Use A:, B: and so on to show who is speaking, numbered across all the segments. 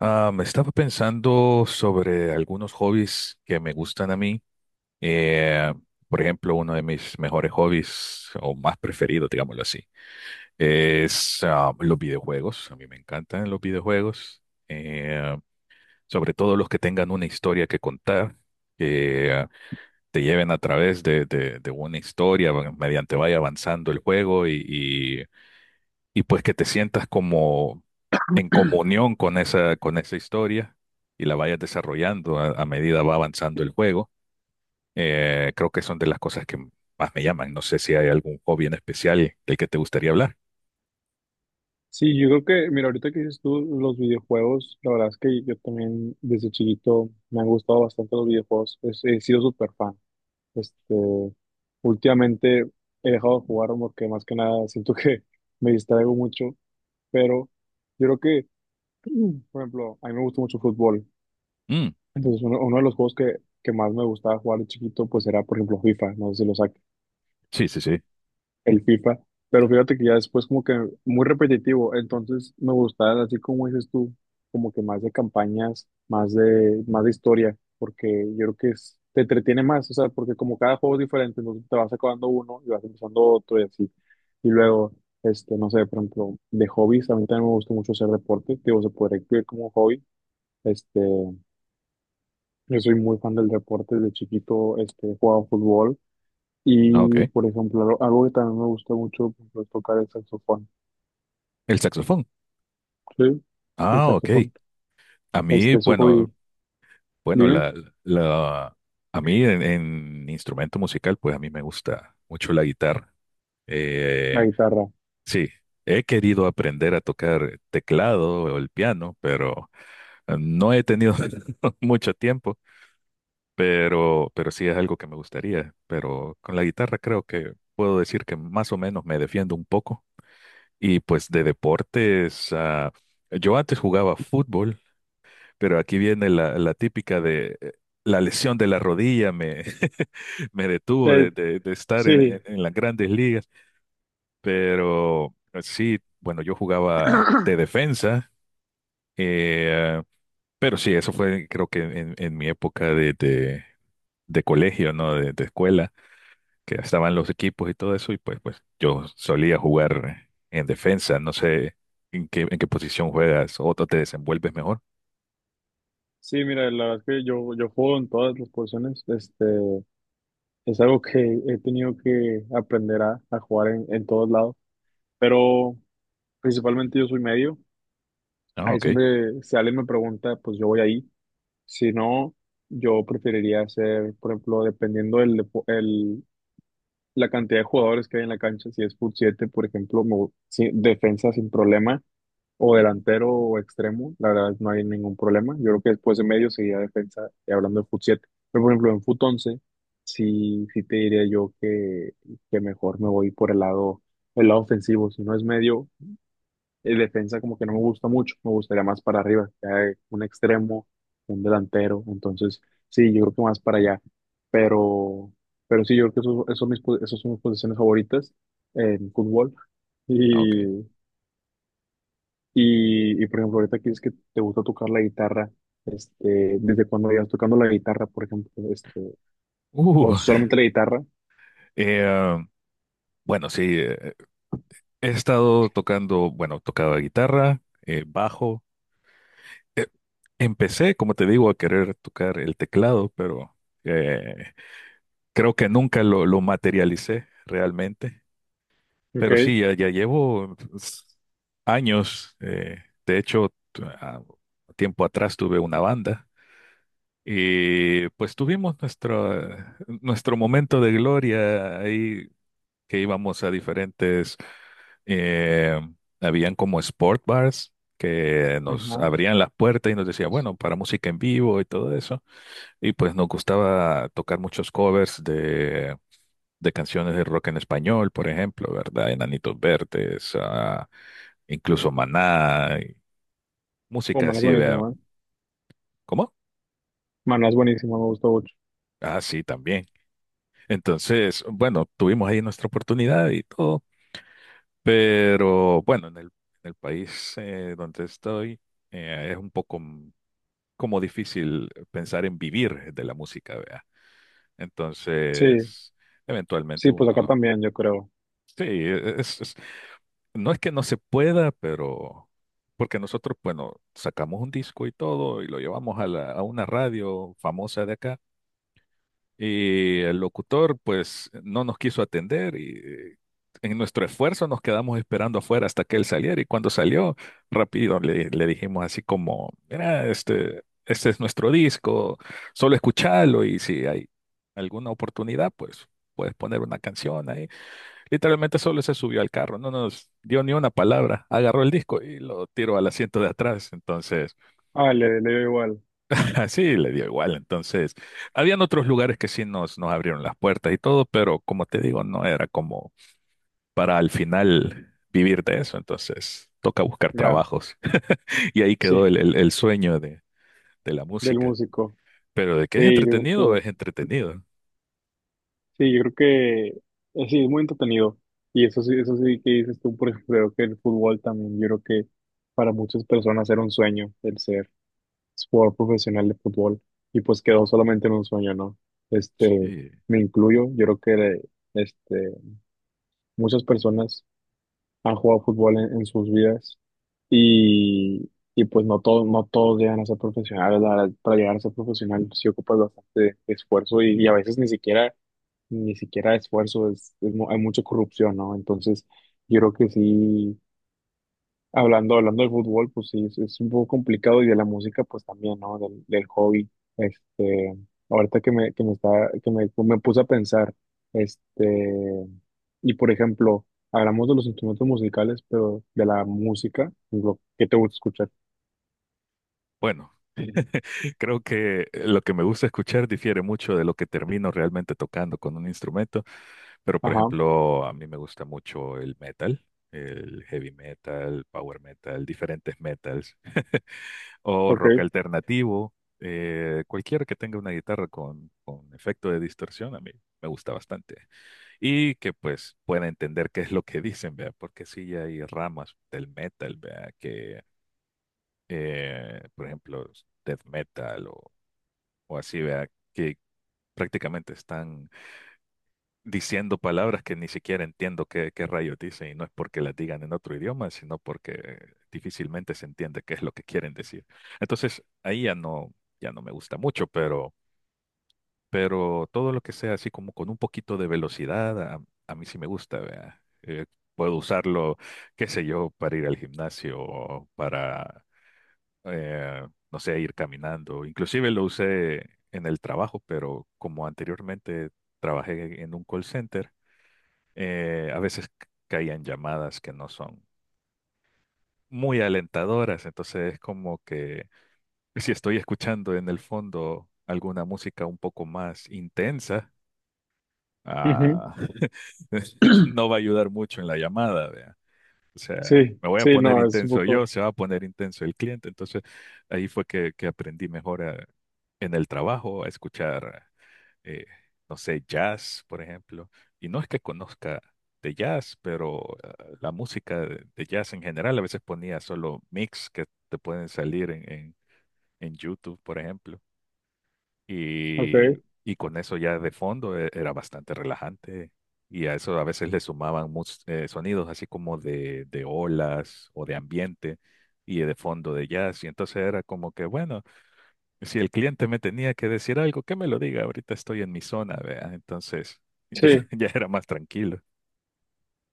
A: Me estaba pensando sobre algunos hobbies que me gustan a mí. Eh, por ejemplo, uno de mis mejores hobbies, o más preferido, digámoslo así, es los videojuegos. A mí me encantan los videojuegos, eh, sobre todo los que tengan una historia que contar, que te lleven a través de una historia, bueno, mediante vaya avanzando el juego y pues que te sientas como en comunión con esa historia y la vayas desarrollando a medida va avanzando el juego. Creo que son de las cosas que más me llaman. No sé si hay algún hobby en especial del que te gustaría hablar.
B: Sí, yo creo que, mira, ahorita que dices tú los videojuegos, la verdad es que yo también desde chiquito me han gustado bastante los videojuegos, he sido súper fan. Este, últimamente he dejado de jugar porque más que nada siento que me distraigo mucho, pero yo creo que, por ejemplo, a mí me gusta mucho el fútbol,
A: Mm,
B: entonces uno de los juegos que más me gustaba jugar de chiquito pues era, por ejemplo, FIFA, no sé si lo saques.
A: sí, sí, sí.
B: El FIFA, pero fíjate que ya después como que muy repetitivo, entonces me gustaba así como dices tú, como que más de campañas, más de historia, porque yo creo que te entretiene más, o sea, porque como cada juego es diferente, entonces te vas acabando uno y vas empezando otro y así. Y luego, no sé, por ejemplo, de hobbies, a mí también me gusta mucho hacer deporte, digo, se podría incluir como hobby, este, yo soy muy fan del deporte, desde chiquito, he jugado fútbol,
A: Ah,
B: y,
A: ok.
B: por ejemplo, algo que también me gusta mucho, por ejemplo, es tocar el saxofón.
A: El saxofón.
B: Sí, el
A: Ah, ok.
B: saxofón.
A: A mí,
B: Este es su
A: bueno,
B: hobby.
A: bueno,
B: Dime,
A: la, a mí en instrumento musical, pues a mí me gusta mucho la guitarra.
B: la
A: Eh,
B: guitarra.
A: sí, he querido aprender a tocar teclado o el piano, pero no he tenido mucho tiempo, pero sí es algo que me gustaría. Pero con la guitarra creo que puedo decir que más o menos me defiendo un poco. Y pues de deportes, yo antes jugaba fútbol. Pero aquí viene la típica de la lesión de la rodilla me, me detuvo
B: Eh,
A: de estar en, en-
B: sí,
A: en las grandes ligas. Pero sí, bueno, yo jugaba de defensa, eh, pero sí, eso fue creo que en mi época de colegio, ¿no? De escuela, que estaban los equipos y todo eso, y pues, pues yo solía jugar en defensa. No sé en qué posición juegas o te desenvuelves mejor.
B: sí, mira, la verdad es que yo juego en todas las posiciones. Es algo que he tenido que aprender a jugar en todos lados. Pero principalmente yo soy medio.
A: Ah,
B: Ahí es
A: ok.
B: donde si alguien me pregunta, pues yo voy ahí. Si no, yo preferiría hacer, por ejemplo, dependiendo la cantidad de jugadores que hay en la cancha, si es fut 7 por ejemplo, sí, defensa sin problema, o
A: Ujú.
B: delantero o extremo, la verdad no hay ningún problema. Yo creo que después de medio seguía defensa, y hablando de fut siete. Pero por ejemplo, en fut 11 sí, sí te diría yo que mejor me voy por el lado ofensivo. Si no es medio, el defensa como que no me gusta mucho, me gustaría más para arriba, que haya un extremo, un delantero, entonces sí, yo creo que más para allá, pero, pero sí, yo creo que son esos son mis posiciones favoritas en fútbol
A: Ah, ok.
B: y, y, por ejemplo, ahorita que es que te gusta tocar la guitarra, ¿desde cuando llevas tocando la guitarra, por ejemplo? ¿O
A: Uh,
B: solamente la guitarra?
A: Eh, bueno, sí, he estado tocando, bueno, tocaba guitarra, bajo. Eh, Empecé, como te digo, a querer tocar el teclado, pero eh, creo que nunca lo materialicé realmente.
B: Ok,
A: Pero sí, ya llevo pues, años. De hecho, tiempo atrás tuve una banda y pues tuvimos nuestro momento de gloria ahí que íbamos a diferentes. Eh, Habían como sport bars que nos
B: ajá,
A: abrían las puertas y nos decía, bueno, para música en vivo y todo eso. Y pues nos gustaba tocar muchos covers de canciones de rock en español, por ejemplo, ¿verdad? Enanitos Verdes, incluso Maná, y
B: o
A: música
B: Maná es
A: así, ¿verdad?
B: buenísimo, ¿eh?
A: ¿Cómo?
B: Maná es buenísimo, me gusta mucho.
A: Ah, sí, también. Entonces, bueno, tuvimos ahí nuestra oportunidad y todo, pero bueno, en el país donde estoy es un poco como difícil pensar en vivir de la música, vea.
B: Sí,
A: Entonces, eventualmente
B: sí, pues acá
A: uno,
B: también, yo creo.
A: sí, no es que no se pueda, pero porque nosotros, bueno, sacamos un disco y todo y lo llevamos a una radio famosa de acá. Y el locutor, pues, no nos quiso atender y en nuestro esfuerzo nos quedamos esperando afuera hasta que él saliera. Y cuando salió, rápido le dijimos así como, mira, este es nuestro disco, solo escuchalo y si hay alguna oportunidad, pues puedes poner una canción ahí. Literalmente solo se subió al carro, no nos dio ni una palabra, agarró el disco y lo tiró al asiento de atrás. Entonces…
B: Ah, le dio igual.
A: Ah, sí, le dio igual. Entonces, habían otros lugares que sí nos, nos abrieron las puertas y todo, pero como te digo, no era como para al final vivir de eso. Entonces, toca buscar
B: Ya,
A: trabajos. Y ahí quedó
B: sí,
A: el sueño de la
B: del
A: música.
B: músico.
A: Pero de que es
B: Sí, yo
A: entretenido,
B: creo que,
A: es entretenido.
B: sí, yo creo que sí, es muy entretenido. Y eso sí que dices tú, por ejemplo, creo que el fútbol también, yo creo que para muchas personas era un sueño el ser jugador profesional de fútbol y pues quedó solamente en un sueño, ¿no? Este,
A: Sí.
B: me incluyo, yo creo que este, muchas personas han jugado fútbol en sus vidas y pues no todos, no todos llegan a ser profesionales. La verdad, para llegar a ser profesional sí ocupas bastante esfuerzo y a veces ni siquiera, ni siquiera esfuerzo, es, hay mucha corrupción, ¿no? Entonces, yo creo que sí. Hablando, hablando del fútbol, pues sí, es un poco complicado y de la música, pues también, ¿no? Del, del hobby. Este, ahorita que me está, me puse a pensar, este, y por ejemplo, hablamos de los instrumentos musicales, pero de la música, lo que te gusta escuchar.
A: Bueno, creo que lo que me gusta escuchar difiere mucho de lo que termino realmente tocando con un instrumento. Pero, por
B: Ajá,
A: ejemplo, a mí me gusta mucho el metal, el heavy metal, power metal, diferentes metals, o
B: ok.
A: rock alternativo, cualquiera que tenga una guitarra con efecto de distorsión, a mí me gusta bastante. Y que pues pueda entender qué es lo que dicen, vea, porque sí hay ramas del metal, vea, que, por ejemplo, death metal o así, vea, que prácticamente están diciendo palabras que ni siquiera entiendo qué, qué rayos dicen y no es porque las digan en otro idioma, sino porque difícilmente se entiende qué es lo que quieren decir. Entonces, ahí ya no, ya no me gusta mucho, pero todo lo que sea así como con un poquito de velocidad, a mí sí me gusta, vea. Puedo usarlo, qué sé yo, para ir al gimnasio o para, no sé, ir caminando. Inclusive lo usé en el trabajo, pero como anteriormente trabajé en un call center, a veces caían llamadas que no son muy alentadoras, entonces es como que si estoy escuchando en el fondo alguna música un poco más intensa,
B: Ujú,
A: ah, no va a ayudar mucho en la llamada, vea. O sea,
B: sí,
A: me voy a
B: sí,
A: poner
B: no, es un
A: intenso
B: poco,
A: yo, se va a poner intenso el cliente, entonces ahí fue que aprendí mejor en el trabajo a escuchar. eh, no sé, jazz, por ejemplo. Y no es que conozca de jazz, pero la música de jazz en general a veces ponía solo mix que te pueden salir en YouTube, por ejemplo. Y,
B: ok.
A: y con eso ya de fondo era bastante relajante. Y a eso a veces le sumaban sonidos así como de olas o de ambiente y de fondo de jazz. Y entonces era como que, bueno, si el cliente me tenía que decir algo, que me lo diga. Ahorita estoy en mi zona, vea. Entonces,
B: Sí,
A: ya, ya era más tranquilo.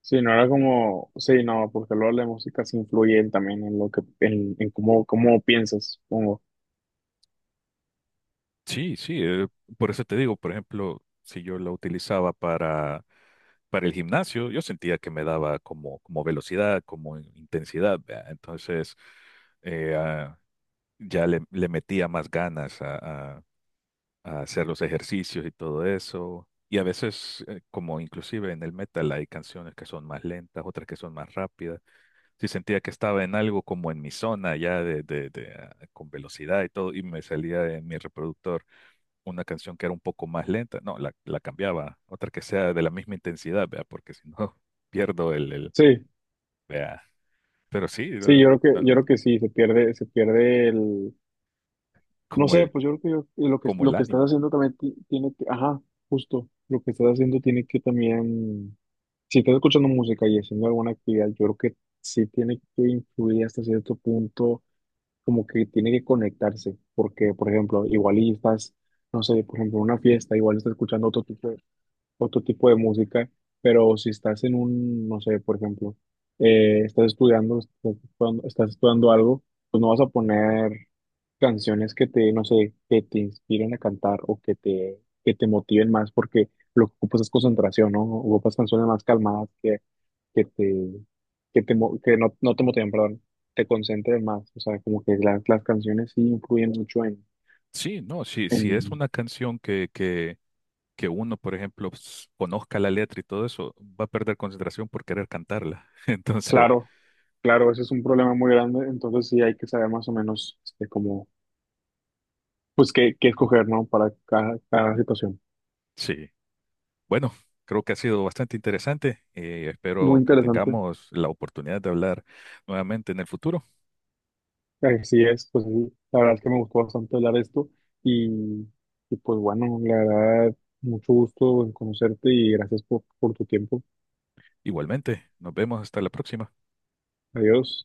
B: sí, no era como, sí, no, porque luego la música se influye también en lo que, en cómo, cómo piensas, supongo.
A: Sí, sí, por eso te digo, por ejemplo, si yo la utilizaba para el gimnasio, yo sentía que me daba como, como velocidad, como intensidad, vea. Entonces, eh, ah, ya le metía más ganas a- a hacer los ejercicios y todo eso. Y a veces, como inclusive en el metal, hay canciones que son más lentas, otras que son más rápidas. Sí sentía que estaba en algo como en mi zona ya de, con velocidad y todo, y me salía en mi reproductor una canción que era un poco más lenta. No, la cambiaba, otra que sea de la misma intensidad, vea, porque si no pierdo el
B: Sí,
A: vea. Pero sí,
B: sí, yo creo yo
A: el-
B: creo que sí, se pierde el, no
A: como
B: sé, pues yo creo que lo que
A: como el
B: lo que estás
A: ánimo.
B: haciendo también tiene que, ajá, justo, lo que estás haciendo tiene que también, si estás escuchando música y haciendo alguna actividad, yo creo que sí tiene que influir hasta cierto punto, como que tiene que conectarse, porque, por ejemplo, igual y estás, no sé, por ejemplo, en una fiesta, igual estás escuchando otro tipo de música, pero si estás en un, no sé, por ejemplo, estás estudiando algo, pues no vas a poner canciones que te, no sé, que te inspiren a cantar o que te motiven más, porque lo que ocupas es concentración, ¿no? Ocupas canciones más calmadas que te, que no, no te motiven, perdón, te concentren más. O sea, como que las canciones sí influyen mucho en,
A: Sí, no, sí, si es
B: en.
A: una canción que uno, por ejemplo, conozca la letra y todo eso, va a perder concentración por querer cantarla. Entonces,
B: Claro, claro, ese es un problema muy grande, entonces sí hay que saber más o menos cómo, pues qué, qué escoger, ¿no? Para cada situación.
A: sí. Bueno, creo que ha sido bastante interesante y espero
B: Muy
A: que
B: interesante,
A: tengamos la oportunidad de hablar nuevamente en el futuro.
B: así es, pues sí, la verdad es que me gustó bastante hablar de esto y, y, pues bueno, la verdad, mucho gusto en conocerte y gracias por tu tiempo.
A: Igualmente, nos vemos hasta la próxima.
B: Adiós.